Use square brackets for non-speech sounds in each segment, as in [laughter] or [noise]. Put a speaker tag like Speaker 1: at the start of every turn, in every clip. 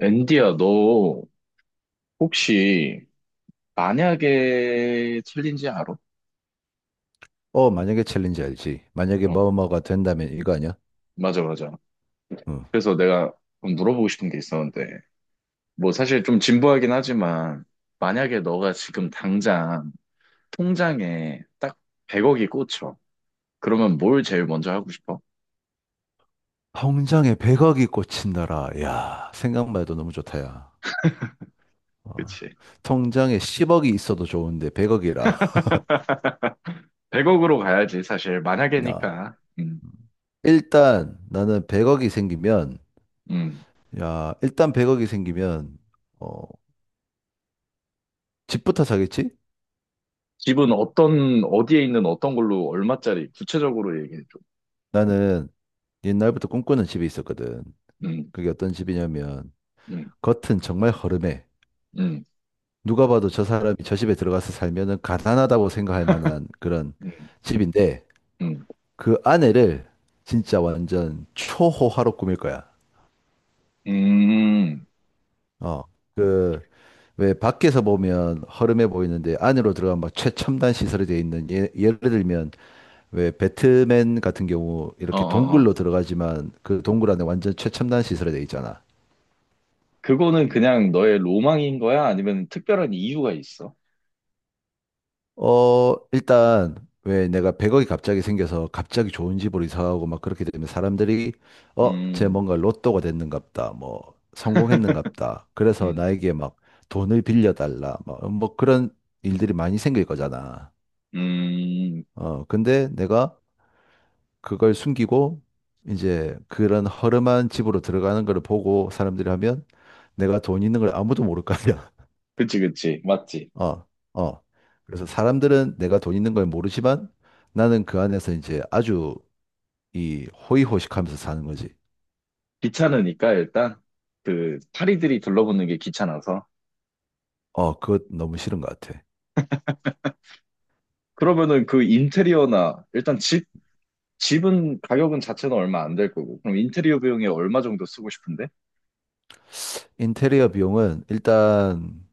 Speaker 1: 앤디야, 너 혹시 만약에 챌린지 알아?
Speaker 2: 어, 만약에 챌린지 알지. 만약에
Speaker 1: 어,
Speaker 2: 뭐뭐가 된다면 이거 아니야?
Speaker 1: 맞아, 맞아.
Speaker 2: 응.
Speaker 1: 그래서 내가 좀 물어보고 싶은 게 있었는데, 뭐 사실 좀 진부하긴 하지만, 만약에 너가 지금 당장 통장에 딱 100억이 꽂혀. 그러면 뭘 제일 먼저 하고 싶어?
Speaker 2: 통장에 100억이 꽂힌다라. 야, 생각만 해도 너무 좋다, 야. 어.
Speaker 1: 그치.
Speaker 2: 통장에 10억이 있어도 좋은데 100억이라. [laughs]
Speaker 1: 100억으로 가야지, 사실.
Speaker 2: 나
Speaker 1: 만약에니까.
Speaker 2: 일단 나는 100억이 생기면,
Speaker 1: 음.
Speaker 2: 야, 일단 100억이 생기면 어, 집부터 사겠지?
Speaker 1: 집은 어떤, 어디에 있는 어떤 걸로 얼마짜리, 구체적으로 얘기해줘.
Speaker 2: 나는 옛날부터 꿈꾸는 집이 있었거든.
Speaker 1: 음,
Speaker 2: 그게 어떤 집이냐면
Speaker 1: 음,
Speaker 2: 겉은 정말 허름해.
Speaker 1: 음,
Speaker 2: 누가 봐도 저 사람이 저 집에 들어가서 살면은 가난하다고 생각할 만한 그런
Speaker 1: 음,
Speaker 2: 집인데
Speaker 1: 음.
Speaker 2: 그 안에를 진짜 완전 초호화로 꾸밀 거야.
Speaker 1: 음,
Speaker 2: 어. 그 왜 밖에서 보면 허름해 보이는데 안으로 들어가면 막 최첨단 시설이 돼 있는 예를 들면 왜 배트맨 같은 경우
Speaker 1: 어,
Speaker 2: 이렇게
Speaker 1: 어, 어.
Speaker 2: 동굴로 들어가지만 그 동굴 안에 완전 최첨단 시설이 돼 있잖아.
Speaker 1: 그거는 그냥 너의 로망인 거야? 아니면 특별한 이유가 있어?
Speaker 2: 일단, 왜 내가 100억이 갑자기 생겨서 갑자기 좋은 집으로 이사하고 막 그렇게 되면 사람들이, 쟤
Speaker 1: 음,
Speaker 2: 뭔가 로또가 됐는갑다. 뭐, 성공했는갑다. 그래서
Speaker 1: 음,
Speaker 2: 나에게 막 돈을 빌려달라. 막, 뭐 그런 일들이 많이 생길 거잖아.
Speaker 1: 음.
Speaker 2: 근데 내가 그걸 숨기고 이제 그런 허름한 집으로 들어가는 걸 보고 사람들이 하면 내가 돈 있는 걸 아무도 모를 거 아니야.
Speaker 1: 그치, 그치. 맞지.
Speaker 2: 어, 어. 그래서 사람들은 내가 돈 있는 걸 모르지만 나는 그 안에서 이제 아주 이 호의호식하면서 사는 거지.
Speaker 1: 귀찮으니까 일단 그 파리들이 둘러붙는 게 귀찮아서.
Speaker 2: 어, 그것 너무 싫은 것 같아.
Speaker 1: 그러면은 그 인테리어나 일단 집은 가격은 자체는 얼마 안 될 거고. 그럼 인테리어 비용에 얼마 정도 쓰고 싶은데?
Speaker 2: 인테리어 비용은 일단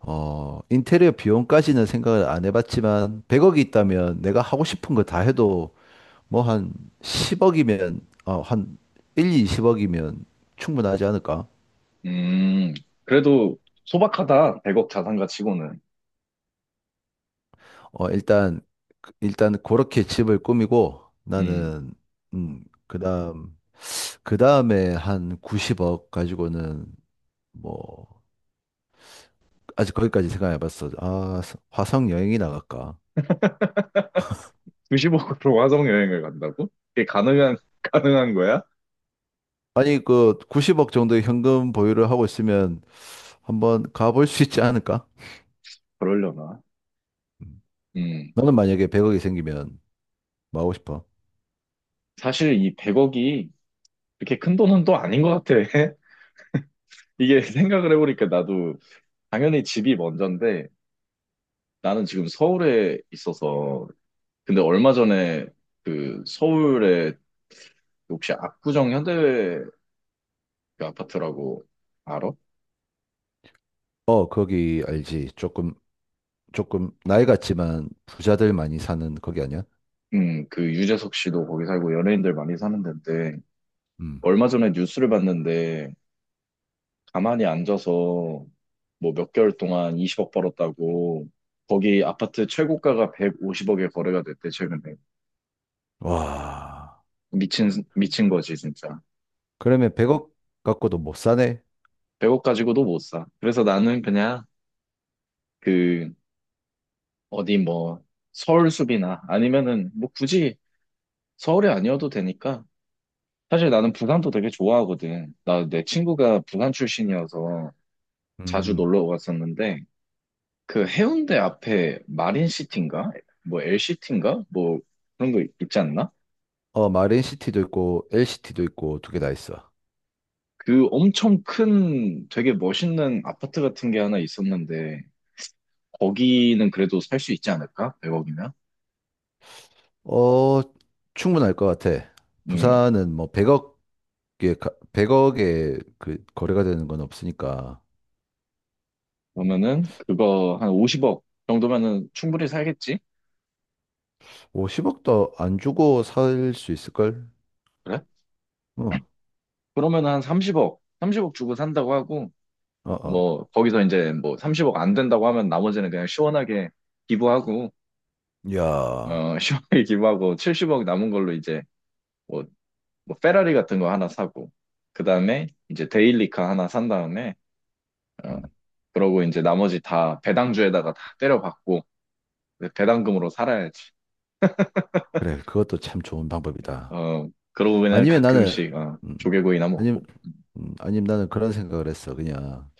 Speaker 2: 인테리어 비용까지는 생각을 안 해봤지만 100억이 있다면 내가 하고 싶은 거 다 해도 뭐 한 10억이면 한 1, 20억이면 충분하지 않을까?
Speaker 1: 음, 그래도 소박하다. 100억 자산가 치고는.
Speaker 2: 어, 일단 일단 그렇게 집을 꾸미고
Speaker 1: 음,
Speaker 2: 나는 그다음 그 다음에 한 90억 가지고는 뭐 아직 거기까지 생각해 봤어. 아, 화성 여행이 나갈까?
Speaker 1: [laughs] 20억으로 화성 여행을 간다고? 그게 가능한, [laughs] 가능한 거야?
Speaker 2: 아니 그 90억 정도의 현금 보유를 하고 있으면 한번 가볼 수 있지 않을까?
Speaker 1: 그러려나?
Speaker 2: 음.
Speaker 1: 음.
Speaker 2: 너는 만약에 100억이 생기면 뭐 하고 싶어?
Speaker 1: 사실 이 100억이 그렇게 큰 돈은 또 아닌 것 같아. [laughs] 이게 생각을 해보니까 나도 당연히 집이 먼저인데 나는 지금 서울에 있어서 근데 얼마 전에 그 서울에 혹시 압구정 현대 그 아파트라고 알아?
Speaker 2: 어, 거기 알지. 조금 나이 같지만 부자들 많이 사는 거기 아니야?
Speaker 1: 그 유재석 씨도 거기 살고 연예인들 많이 사는 데인데
Speaker 2: 음.
Speaker 1: 얼마 전에 뉴스를 봤는데 가만히 앉아서 뭐 몇 개월 동안 20억 벌었다고 거기 아파트 최고가가 150억에 거래가 됐대 최근에.
Speaker 2: 와.
Speaker 1: 미친 미친 거지 진짜.
Speaker 2: 그러면 100억 갖고도 못 사네.
Speaker 1: 100억 가지고도 못 사. 그래서 나는 그냥 그 어디 뭐 서울숲이나 아니면은 뭐 굳이 서울이 아니어도 되니까 사실 나는 부산도 되게 좋아하거든. 나 내 친구가 부산 출신이어서 자주
Speaker 2: 음.
Speaker 1: 놀러 갔었는데 그 해운대 앞에 마린시티인가 뭐 엘시티인가 뭐 그런 거 있지 않나?
Speaker 2: 어, 마린시티도 있고 LCT도 있고 두 개 다 있어.
Speaker 1: 그 엄청 큰 되게 멋있는 아파트 같은 게 하나 있었는데 거기는 그래도 살 수 있지 않을까? 100억이면?
Speaker 2: 어, 충분할 것 같아.
Speaker 1: 음.
Speaker 2: 부산은 뭐 100억에, 100억에 그 거래가 되는 건 없으니까.
Speaker 1: 그러면은 그거 한 50억 정도면은 충분히 살겠지?
Speaker 2: 50억도 안 주고 살 수 있을걸?
Speaker 1: 그래?
Speaker 2: 어,
Speaker 1: 그러면은 한 30억, 30억 주고 산다고 하고
Speaker 2: 어, 어.
Speaker 1: 뭐 거기서 이제 뭐 30억 안 된다고 하면 나머지는 그냥 시원하게 기부하고,
Speaker 2: 야,
Speaker 1: 어, [laughs] 시원하게 기부하고 70억 남은 걸로 이제 뭐, 뭐 페라리 같은 거 하나 사고 그다음에 이제 데일리카 하나 산 다음에, 어,
Speaker 2: 음,
Speaker 1: 그러고 이제 나머지 다 배당주에다가 다 때려박고 배당금으로 살아야지.
Speaker 2: 그래. 그것도 참 좋은 방법이다.
Speaker 1: 어, 그러고 그냥
Speaker 2: 아니면 나는,
Speaker 1: 가끔씩, 어,
Speaker 2: 음,
Speaker 1: 조개구이나
Speaker 2: 아니면,
Speaker 1: 먹고.
Speaker 2: 아니면 나는 그런 생각을 했어. 그냥,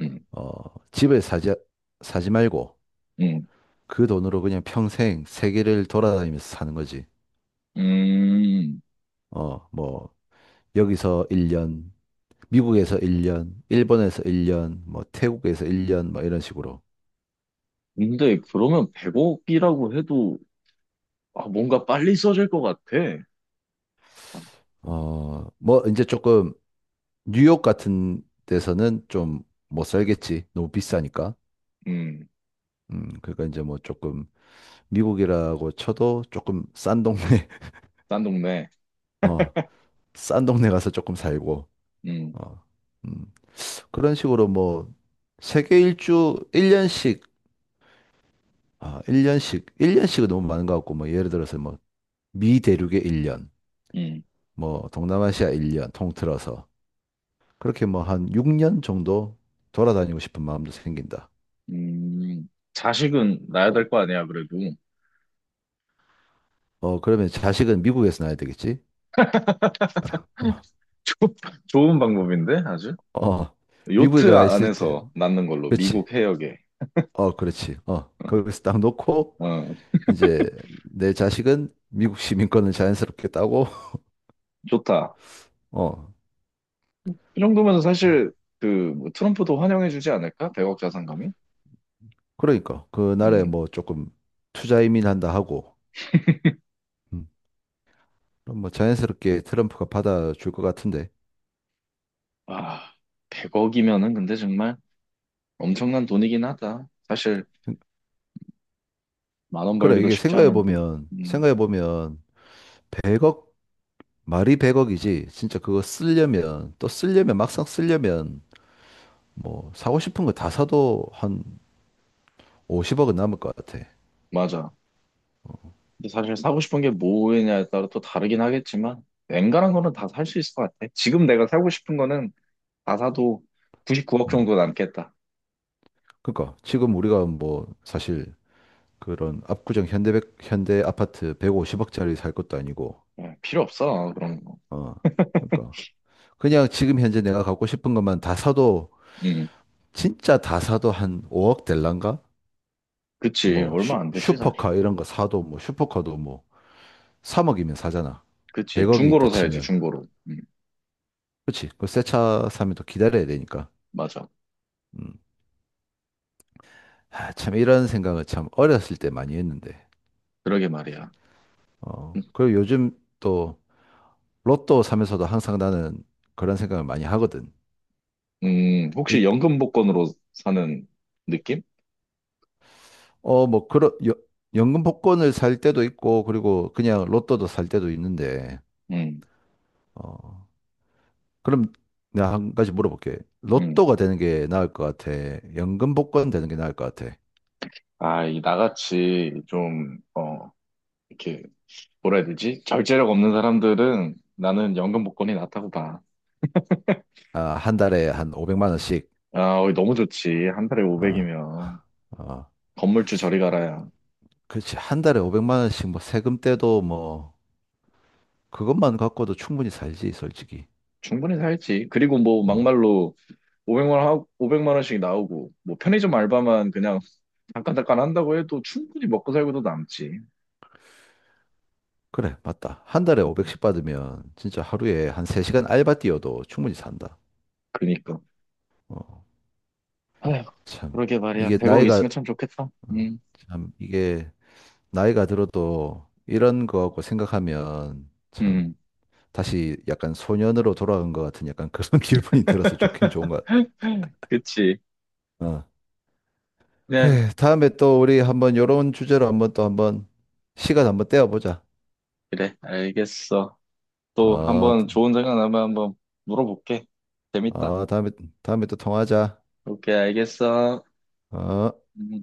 Speaker 1: 음,
Speaker 2: 어, 집을 사지 말고
Speaker 1: 음,
Speaker 2: 그 돈으로 그냥 평생 세계를 돌아다니면서 사는 거지.
Speaker 1: 음.
Speaker 2: 어, 뭐, 여기서 1년, 미국에서 1년, 일본에서 1년, 뭐 태국에서 1년, 뭐 이런 식으로.
Speaker 1: 근데 그러면 100억이라고 해도 아, 뭔가 빨리 써질 것 같아. 아,
Speaker 2: 어, 뭐 이제 조금 뉴욕 같은 데서는 좀 못 살겠지. 너무 비싸니까.
Speaker 1: 음,
Speaker 2: 그러니까 이제 뭐 조금 미국이라고 쳐도 조금 싼 동네, [laughs]
Speaker 1: 딴 동네.
Speaker 2: 어, 싼 동네 가서 조금 살고,
Speaker 1: 음,
Speaker 2: 어, 음, 그런 식으로 뭐 세계 일주 1년씩, 아, 1년씩, 1년씩은 너무 많은 것 같고, 뭐 예를 들어서 뭐 미 대륙에 1년,
Speaker 1: 음,
Speaker 2: 뭐 동남아시아 1년 통틀어서 그렇게 뭐 한 6년 정도 돌아다니고 싶은 마음도 생긴다.
Speaker 1: 자식은 낳아야 될 거 아니야, 그래도. [laughs]
Speaker 2: 어, 그러면 자식은 미국에서 낳아야 되겠지? 어,
Speaker 1: 좋- 좋은 방법인데, 아주.
Speaker 2: 어, 미국에
Speaker 1: 요트
Speaker 2: 가 있을 때,
Speaker 1: 안에서 낳는 걸로,
Speaker 2: 그렇지.
Speaker 1: 미국 해역에.
Speaker 2: 어, 그렇지. 어, 거기서 딱 놓고,
Speaker 1: 어, 어,
Speaker 2: 이제 내 자식은 미국 시민권을 자연스럽게 따고,
Speaker 1: 좋다.
Speaker 2: [laughs] 어,
Speaker 1: 그 정도면 사실 그뭐 트럼프도 환영해주지 않을까? 100억 자산감이?
Speaker 2: 그러니까 그 나라에
Speaker 1: 음.
Speaker 2: 뭐 조금 투자 이민한다 하고, 음, 그럼 뭐 자연스럽게 트럼프가 받아줄 것 같은데.
Speaker 1: 아, 100억이면은 근데 정말 엄청난 돈이긴 하다. 사실 만원
Speaker 2: 그래,
Speaker 1: 벌기도
Speaker 2: 이게
Speaker 1: 쉽지 않은데.
Speaker 2: 생각해보면,
Speaker 1: 음,
Speaker 2: 생각해보면, 100억 말이 100억이지 진짜 그거 쓰려면 또 쓰려면 막상 쓰려면 뭐 사고 싶은 거 다 사도 한 50억은 남을 것 같아.
Speaker 1: 맞아. 근데 사실 사고 싶은 게 뭐냐에 따라 또 다르긴 하겠지만 웬간한 거는 다 살 수 있을 것 같아. 지금 내가 사고 싶은 거는 다 사도 99억
Speaker 2: 음.
Speaker 1: 정도 남겠다.
Speaker 2: 그러니까 지금 우리가 뭐 사실 그런 압구정 현대 아파트 150억짜리 살 것도 아니고
Speaker 1: 예, 필요 없어 그런 거.
Speaker 2: 어. 그러니까 그냥 지금 현재 내가 갖고 싶은 것만 다 사도
Speaker 1: 음,
Speaker 2: 진짜 다 사도 한 5억 될란가?
Speaker 1: 그치.
Speaker 2: 뭐 슈,
Speaker 1: 얼마 안 되지 사실.
Speaker 2: 슈퍼카 이런 거 사도 뭐 슈퍼카도 뭐 3억이면 사잖아.
Speaker 1: 그치.
Speaker 2: 100억이 있다
Speaker 1: 중고로 사야지
Speaker 2: 치면.
Speaker 1: 중고로.
Speaker 2: 그렇지. 그 새 차 사면 또 기다려야 되니까.
Speaker 1: 맞아.
Speaker 2: 음. 아, 참 이런 생각을 참 어렸을 때 많이 했는데.
Speaker 1: 그러게 말이야. 음.
Speaker 2: 어. 그리고 요즘 또 로또 사면서도 항상 나는 그런 생각을 많이 하거든.
Speaker 1: 혹시
Speaker 2: 이,
Speaker 1: 연금 복권으로 사는 느낌?
Speaker 2: 뭐 그런 연금 복권을 살 때도 있고 그리고 그냥 로또도 살 때도 있는데.
Speaker 1: 음,
Speaker 2: 어. 그럼 내가 한 가지 물어볼게.
Speaker 1: 음.
Speaker 2: 로또가 되는 게 나을 것 같아. 연금 복권 되는 게 나을 것 같아.
Speaker 1: 아, 이 나같이 좀, 어, 이렇게, 뭐라 해야 되지? 절제력 없는 사람들은 나는 연금 복권이 낫다고 봐.
Speaker 2: 아, 한 달에 한 500만 원씩.
Speaker 1: 아, 어, 너무 좋지. 한 달에
Speaker 2: 어,
Speaker 1: 500이면.
Speaker 2: 어.
Speaker 1: 건물주 저리 가라야.
Speaker 2: 그렇지. 한 달에 500만 원씩 뭐 세금 떼도 뭐 그것만 갖고도 충분히 살지, 솔직히.
Speaker 1: 충분히 살지. 그리고 뭐,
Speaker 2: 음.
Speaker 1: 막말로 500만, 하고, 5만 원씩 나오고, 뭐, 편의점 알바만 그냥 잠깐잠깐 한다고 해도 충분히 먹고 살고도 남지.
Speaker 2: 그래, 맞다. 한 달에
Speaker 1: 음,
Speaker 2: 500씩 받으면 진짜 하루에 한 3시간 알바 뛰어도 충분히 산다.
Speaker 1: 그니까.
Speaker 2: 어,
Speaker 1: 아휴,
Speaker 2: 참.
Speaker 1: 그러게 말이야.
Speaker 2: 이게
Speaker 1: 100억
Speaker 2: 나이가,
Speaker 1: 있으면 참 좋겠다.
Speaker 2: 어, 이게 나이가 들어도 이런 거하고 생각하면 참
Speaker 1: 음.
Speaker 2: 다시 약간 소년으로 돌아간 것 같은 약간 그런 [laughs] 기분이 들어서 좋긴 좋은 것
Speaker 1: [laughs] 그치.
Speaker 2: 같아. 어.
Speaker 1: 그냥,
Speaker 2: 그래, 다음에 또 우리 한번 요런 주제로 한번 또 한번 시간 한번 떼어보자.
Speaker 1: 그래. 알겠어. 또
Speaker 2: 어,
Speaker 1: 한번 좋은 생각 나면 한번 물어볼게. 재밌다.
Speaker 2: 어, 다음에, 또 통화하자.
Speaker 1: 오케이, 알겠어.
Speaker 2: 어.
Speaker 1: 음.